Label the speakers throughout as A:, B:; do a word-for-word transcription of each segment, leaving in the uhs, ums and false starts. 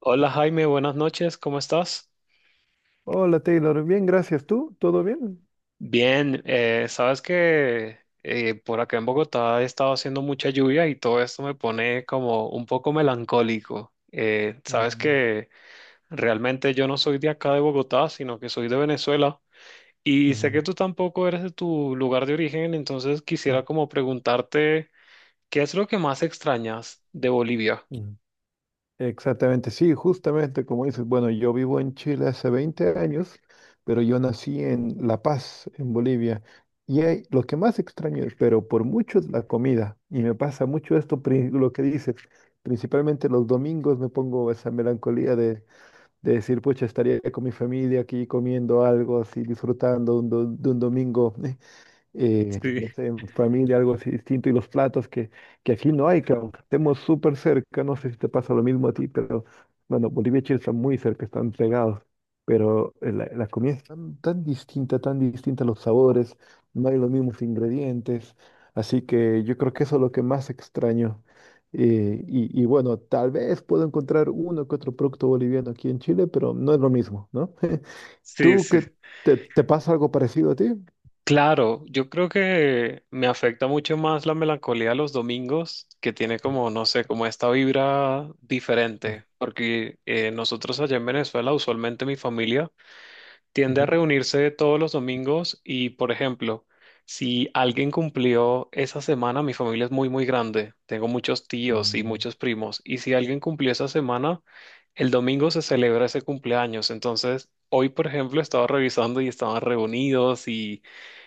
A: Hola Jaime, buenas noches, ¿cómo estás?
B: Hola Taylor, bien, gracias. ¿Tú? ¿Todo bien?
A: Bien, eh, sabes que eh, por acá en Bogotá ha estado haciendo mucha lluvia y todo esto me pone como un poco melancólico. Eh, sabes
B: Mm,
A: que realmente yo no soy de acá de Bogotá, sino que soy de Venezuela y sé
B: mm,
A: que tú tampoco eres de tu lugar de origen, entonces
B: mm,
A: quisiera como preguntarte, ¿qué es lo que más extrañas de Bolivia?
B: mm. Exactamente, sí, justamente como dices, bueno, yo vivo en Chile hace veinte años, pero yo nací en La Paz, en Bolivia. Y hay- lo que más extraño, pero por mucho, es la comida. Y me pasa mucho esto, pri- lo que dices. Principalmente los domingos me pongo esa melancolía de, de decir, pucha, estaría con mi familia aquí comiendo algo así, disfrutando un do- de un domingo eh,
A: Sí,
B: no sé, en familia, algo así distinto, y los platos que, que aquí no hay, claro, aunque estemos súper cerca. No sé si te pasa lo mismo a ti, pero bueno, Bolivia y Chile están muy cerca, están pegados, pero eh, la, la comida es tan, tan distinta, tan distinta, los sabores, no hay los mismos ingredientes, así que yo creo que eso es lo que más extraño. eh, y, y bueno, tal vez puedo encontrar uno que otro producto boliviano aquí en Chile, pero no es lo mismo, ¿no?
A: sí,
B: ¿Tú
A: sí.
B: qué te, te pasa algo parecido a ti?
A: Claro, yo creo que me afecta mucho más la melancolía los domingos, que tiene como, no sé, como esta vibra
B: Ujú,
A: diferente, porque eh, nosotros allá en Venezuela, usualmente mi familia tiende a
B: ujú.
A: reunirse todos los domingos y, por ejemplo, si alguien cumplió esa semana, mi familia es muy, muy grande, tengo muchos tíos y
B: Mm.
A: muchos primos, y si alguien cumplió esa semana, el domingo se celebra ese cumpleaños, entonces... Hoy, por ejemplo, estaba revisando y estaban reunidos y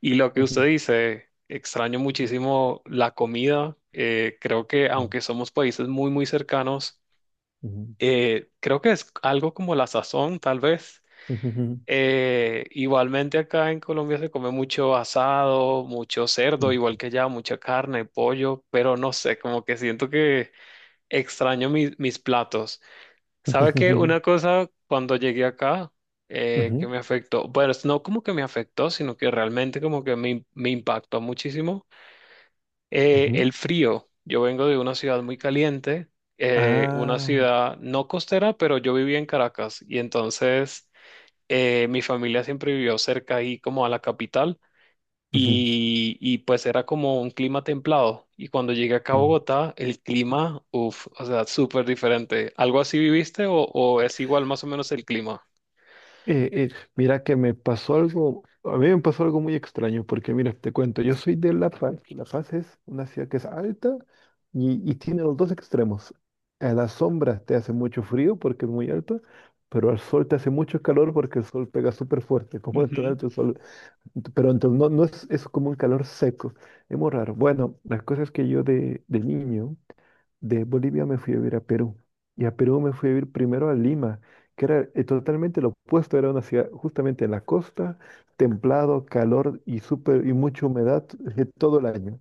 A: y lo que usted
B: Ujú.
A: dice, extraño
B: Ujú,
A: muchísimo la comida. Eh, creo que aunque somos países muy, muy cercanos, eh, creo que es algo como la sazón, tal vez.
B: ujú,
A: Eh, igualmente acá en Colombia se come mucho asado, mucho cerdo,
B: ujú,
A: igual que allá, mucha carne, pollo, pero no sé, como que siento que extraño mis mis platos. ¿Sabe qué?
B: ujú,
A: Una cosa cuando llegué acá eh, que
B: ujú,
A: me afectó, bueno, es no como que me afectó, sino que realmente como que me, me impactó muchísimo, eh,
B: ujú.
A: el frío. Yo vengo de una ciudad muy caliente, eh, una
B: Ah.
A: ciudad no costera, pero yo vivía en Caracas y entonces eh, mi familia siempre vivió cerca ahí como a la capital
B: Ujú.
A: y, y pues era como un clima templado. Y cuando llegué acá a
B: Mm.
A: Bogotá, el clima, uff, o sea, súper diferente. ¿Algo así viviste o, o es igual más o menos el clima?
B: Eh, eh, mira que me pasó algo, a mí me pasó algo muy extraño, porque mira, te cuento, yo soy de La Paz, y La Paz es una ciudad que es alta y, y tiene los dos extremos. A la sombra te hace mucho frío porque es muy alta, pero al sol te hace mucho calor porque el sol pega súper fuerte, como en todo
A: Ujú.
B: alto el sol. Ent- Pero entonces no, no es, es como un calor seco, es muy raro. Bueno, las cosas que yo de, de niño, de Bolivia me fui a vivir a Perú. Y a Perú me fui a vivir primero a Lima, que era eh, totalmente lo opuesto, era una ciudad justamente en la costa, templado, calor y súper y mucha humedad eh, todo el año.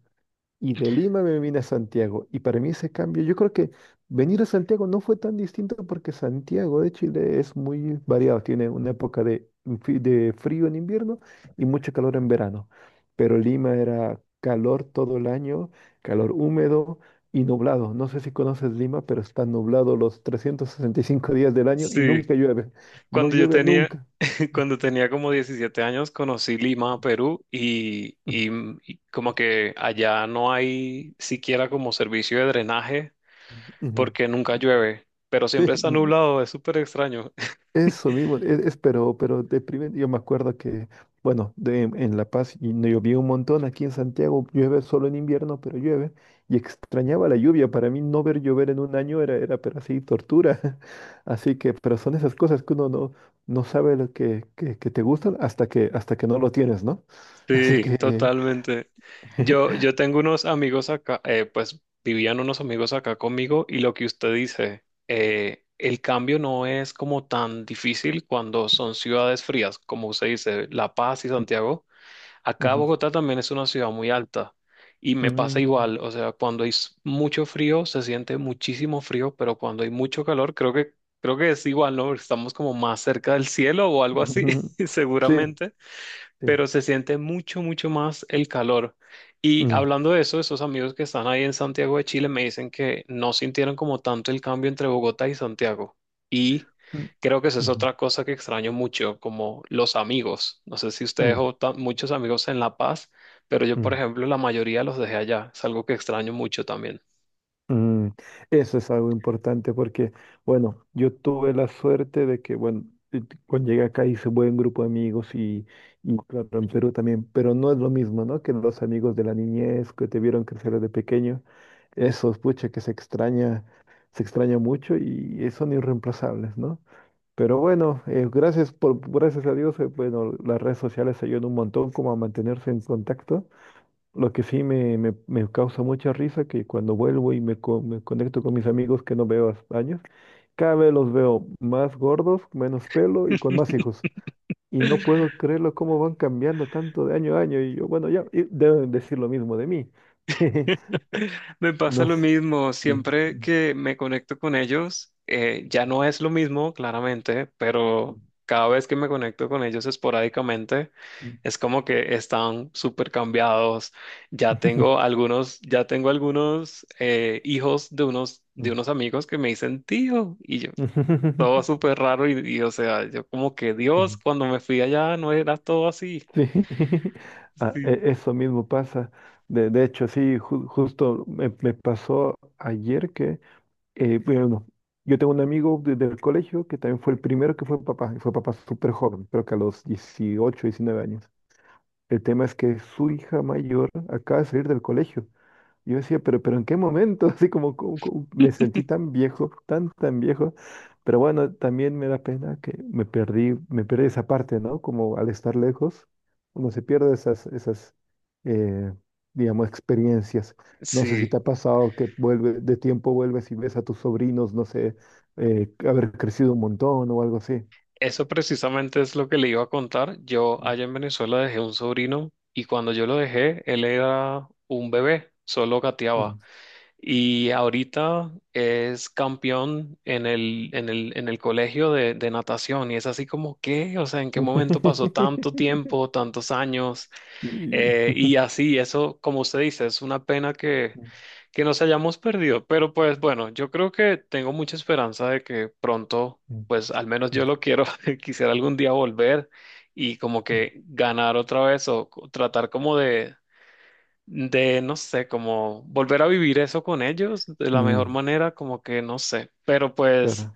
B: Y de Lima me vine a Santiago. Y para mí ese cambio, yo creo que venir a Santiago no fue tan distinto porque Santiago de Chile es muy variado. Tiene una época de, fri- de frío en invierno y mucho calor en verano. Pero Lima era calor todo el año, calor húmedo y nublado. No sé si conoces Lima, pero está nublado los trescientos sesenta y cinco días del año y
A: Sí,
B: nunca llueve. No
A: cuando yo
B: llueve
A: tenía,
B: nunca.
A: cuando tenía como diecisiete años conocí Lima, Perú, y,
B: Ujú.
A: y- mm, y como que allá no hay siquiera como servicio de drenaje
B: Ujú.
A: porque nunca llueve, pero
B: Sí,
A: siempre está nublado, es súper extraño.
B: eso mismo, es, es- pero, pero deprimente. Yo me acuerdo que, bueno, de, en La Paz y no llovía un montón, aquí en Santiago llueve solo en invierno, pero llueve, y extrañaba la lluvia. Para mí no ver llover en un año era, era pero así, tortura, así que, pero son esas cosas que uno no, no sabe lo que, que, que te gustan hasta que, hasta que no lo tienes, ¿no? Así
A: Sí,
B: que,
A: totalmente. Yo, yo tengo unos amigos acá, eh, pues vivían unos amigos acá conmigo y lo que usted dice, eh, el cambio no es como tan difícil cuando son ciudades frías, como usted dice, La Paz y Santiago. Acá
B: ujú,
A: Bogotá también es una ciudad muy alta y me pasa
B: ujú,
A: igual, o sea, cuando hay s- mucho frío se siente muchísimo frío, pero cuando hay mucho calor creo que creo que es igual, ¿no? Estamos como más cerca del cielo o algo así,
B: ujú, sí,
A: seguramente
B: sí.
A: pero se siente mucho, mucho más el calor. Y
B: Mm,
A: hablando de eso, esos amigos que están ahí en Santiago de Chile me dicen que no sintieron como tanto el cambio entre Bogotá y Santiago. Y
B: mm,
A: creo que esa es
B: ujú,
A: otra cosa que extraño mucho, como los amigos. No sé si ustedes o ta- muchos amigos en La Paz, pero yo,
B: mm,
A: por
B: mm.
A: ejemplo, la mayoría los dejé allá. Es algo que extraño mucho también.
B: Mm, eso es algo importante porque, bueno, yo tuve la suerte de que, bueno, eh, cuando llegué acá hice buen grupo de amigos, y, y claro, en Perú también, pero no es lo mismo, ¿no? Que los amigos de la niñez que te vieron crecer desde pequeño, esos, pucha, que se extraña, se extraña mucho, y eh, son irreemplazables, ¿no? Pero bueno, eh, gracias por, gracias a Dios, eh, bueno, las redes sociales ayudan un montón como a mantenerse en contacto. Lo que sí me, me, me causa mucha risa que cuando vuelvo y me, co- me conecto con mis amigos que no veo hace años, cada vez los veo más gordos, menos pelo y con más hijos. Y no puedo creerlo cómo van cambiando tanto de año a año. Y yo, bueno, ya y deben decir lo mismo de mí.
A: Me
B: No
A: pasa lo
B: s-
A: mismo,
B: sí.
A: siempre que me conecto con ellos, eh, ya no es lo mismo, claramente, pero cada vez que me conecto con ellos esporádicamente, es como que están súper cambiados. Ya tengo algunos, ya tengo algunos eh, hijos de unos, de unos amigos que me dicen tío, y yo,
B: Sí.
A: todo súper raro, y, y, o sea, yo como que Dios, cuando me fui allá no era todo así.
B: Ah,
A: Sí.
B: e- eso mismo pasa. De, de hecho, sí, ju- justo me, me pasó ayer que... Eh, bueno, yo tengo un amigo desde el colegio que también fue el primero que fue papá, y fue papá súper joven, creo que a los dieciocho, diecinueve años. El tema es que su hija mayor acaba de salir del colegio. Yo decía, pero, pero ¿en qué momento? Así como, como- como me sentí tan viejo, tan, tan viejo. Pero bueno, también me da pena que me perdí, me perdí esa parte, ¿no? Como al estar lejos, uno se pierde esas, esas, eh, digamos, experiencias. No sé si
A: Sí.
B: te ha pasado que vuelve, de tiempo vuelves y ves a tus sobrinos, no sé, eh, haber crecido un montón o algo así.
A: Eso precisamente es lo que le iba a contar. Yo allá en Venezuela dejé un sobrino y cuando yo lo dejé, él era un bebé, solo gateaba.
B: Mm.
A: Y ahorita es campeón en el, en el, en el colegio de, de natación y es así como, ¿qué? O sea, ¿en qué momento pasó tanto tiempo, tantos años?
B: Sí.
A: Eh, y así, eso, como usted dice, es una pena que,
B: Mm,
A: que nos hayamos perdido. Pero pues bueno, yo creo que tengo mucha esperanza de que pronto, pues al menos
B: mm,
A: yo lo quiero, quisiera algún día volver y como
B: mm, mm,
A: que ganar otra vez o co- tratar como de, de, no sé, como volver a vivir eso con ellos de la mejor
B: mm,
A: manera, como que no sé. Pero pues...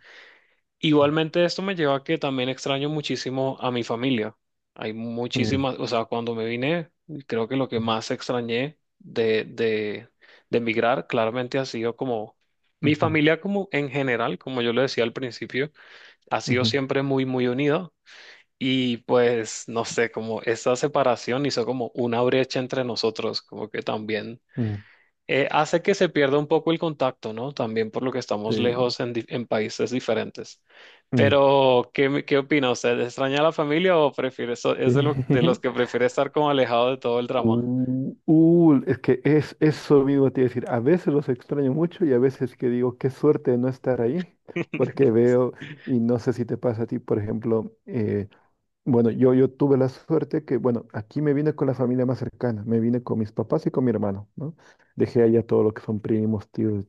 A: Igualmente esto me lleva a que también extraño muchísimo a mi familia. Hay
B: para.
A: muchísimas, o sea, cuando me vine, creo que lo que
B: Ujú,
A: más extrañé de, de, de emigrar claramente ha sido como mi
B: ujú,
A: familia como en general, como yo le decía al principio, ha sido
B: ujú,
A: siempre muy, muy unida y pues no sé, como esa separación hizo como una brecha entre nosotros, como que también
B: ujú.
A: eh, hace que se pierda un poco el contacto, ¿no? También por lo que estamos
B: Sí.
A: lejos en, di- en países diferentes.
B: Mm,
A: Pero, ¿qué, me- qué opina usted? ¿Extraña a la familia o prefiere, so- es
B: sí.
A: de, lo- de los que prefiere estar como alejado de todo el drama?
B: Uh, uh, es que es eso mismo te iba a decir. A veces los extraño mucho y a veces que digo, qué suerte de no estar ahí, porque veo, y no sé si te pasa a ti, por ejemplo, eh, bueno, yo, yo tuve la suerte que, bueno, aquí me vine con la familia más cercana, me vine con mis papás y con mi hermano, ¿no? Dejé allá todo lo que son primos, tíos,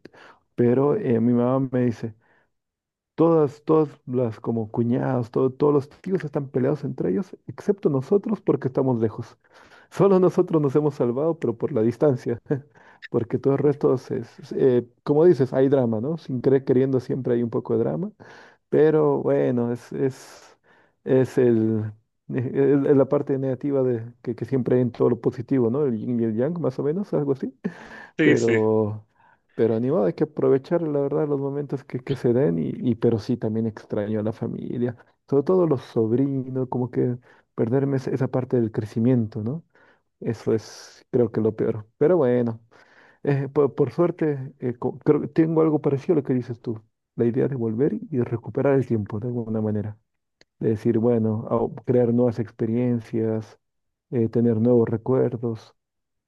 B: pero eh, mi mamá me dice, todas, todas las como cuñados, todo- todos los tíos están peleados entre ellos, excepto nosotros porque estamos lejos. Solo nosotros nos hemos salvado, pero por la distancia, porque todo el resto es, es, eh, como dices, hay drama, ¿no? Sin querer queriendo siempre hay un poco de drama, pero bueno, es, es, es el, es- es la parte negativa de, que, que siempre hay en todo lo positivo, ¿no? El yin y el yang, más o menos, algo así.
A: Sí, sí.
B: Pero, pero ni modo, hay que aprovechar, la verdad, los momentos que, que se den, y, y- pero sí también extraño a la familia, sobre todo los sobrinos, como que perderme esa esa parte del crecimiento, ¿no? Eso es, creo que lo peor. Pero bueno, eh, por, por suerte, eh, co- creo que tengo algo parecido a lo que dices tú, la idea de volver y de recuperar el tiempo de alguna manera, de decir, bueno, a- crear nuevas experiencias, eh, tener nuevos recuerdos.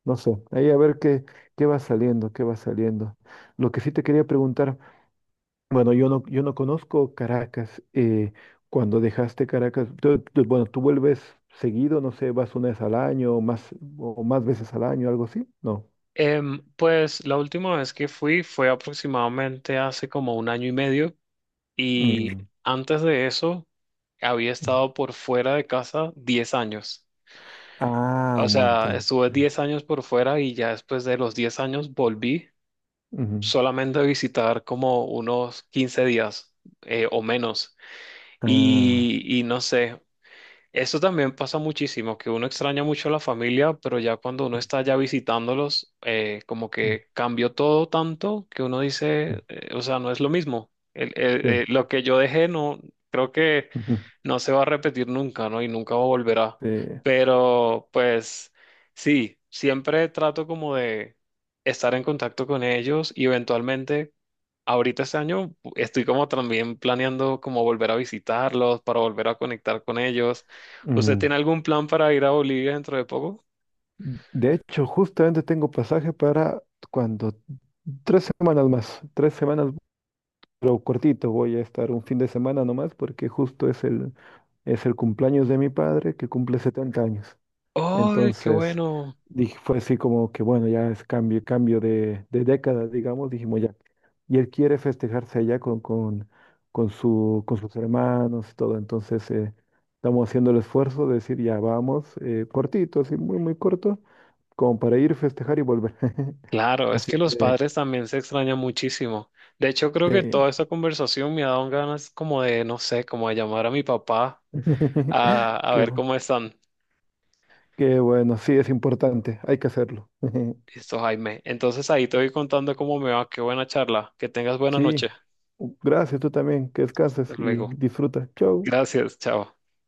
B: No sé, ahí a ver qué, qué va saliendo, qué va saliendo. Lo que sí te quería preguntar, bueno, yo no, yo no conozco Caracas. Eh, cuando dejaste Caracas, tú- tú- bueno, tú vuelves seguido, no sé, vas una vez al año o más, o más veces al año, algo así, ¿no?
A: Em, pues la última vez que fui fue aproximadamente hace como un año y medio y
B: Mm,
A: antes de eso había
B: ujú.
A: estado por fuera de casa diez años.
B: Ah,
A: O
B: un
A: sea,
B: montón.
A: estuve
B: Sí.
A: diez años por fuera y ya después de los diez años volví
B: Ujú.
A: solamente visitar como unos quince días eh, o menos.
B: Ah,
A: Y, y no sé, eso también pasa muchísimo, que uno extraña mucho a la familia, pero ya cuando uno está ya visitándolos, eh, como
B: mm,
A: que cambió todo tanto que uno
B: mm,
A: dice, eh, o sea, no es lo mismo. El- el-
B: sí.
A: eh, lo que yo dejé no, creo que
B: Ujú,
A: no se va a repetir nunca, ¿no? Y nunca volverá.
B: sí,
A: Pero pues sí, siempre trato como de estar en contacto con ellos y eventualmente ahorita este año estoy como también planeando como volver a visitarlos, para volver a conectar con ellos. ¿Usted
B: mm.
A: tiene algún plan para ir a Bolivia dentro de poco?
B: De hecho, justamente tengo pasaje para cuando tres semanas más, tres semanas. Pero cortito, voy a estar un fin de semana nomás porque justo es el, es el cumpleaños de mi padre que cumple setenta años.
A: ¡Ay, qué
B: Entonces,
A: bueno!
B: dije, fue así como que, bueno, ya es cambio, cambio de, de década, digamos, dijimos ya. Y él quiere festejarse allá con, con, con su, con sus hermanos y todo. Entonces, eh, estamos haciendo el esfuerzo de decir, ya vamos, eh, cortito, así muy, muy corto, como para ir, festejar y volver.
A: Claro, es
B: Así
A: que los
B: que,
A: padres también se extrañan muchísimo. De hecho, creo que
B: sí.
A: toda esta conversación me ha dado ganas como de, no sé, como de llamar a mi papá a, a
B: Qué
A: ver
B: bueno.
A: cómo están.
B: Qué bueno, sí, es importante, hay que hacerlo.
A: Listo, Jaime. Entonces ahí te voy contando cómo me va. Qué buena charla. Que tengas buena
B: Sí,
A: noche.
B: gracias, tú también, que descanses
A: Hasta
B: y
A: luego.
B: disfruta. Chau.
A: Gracias. Chao.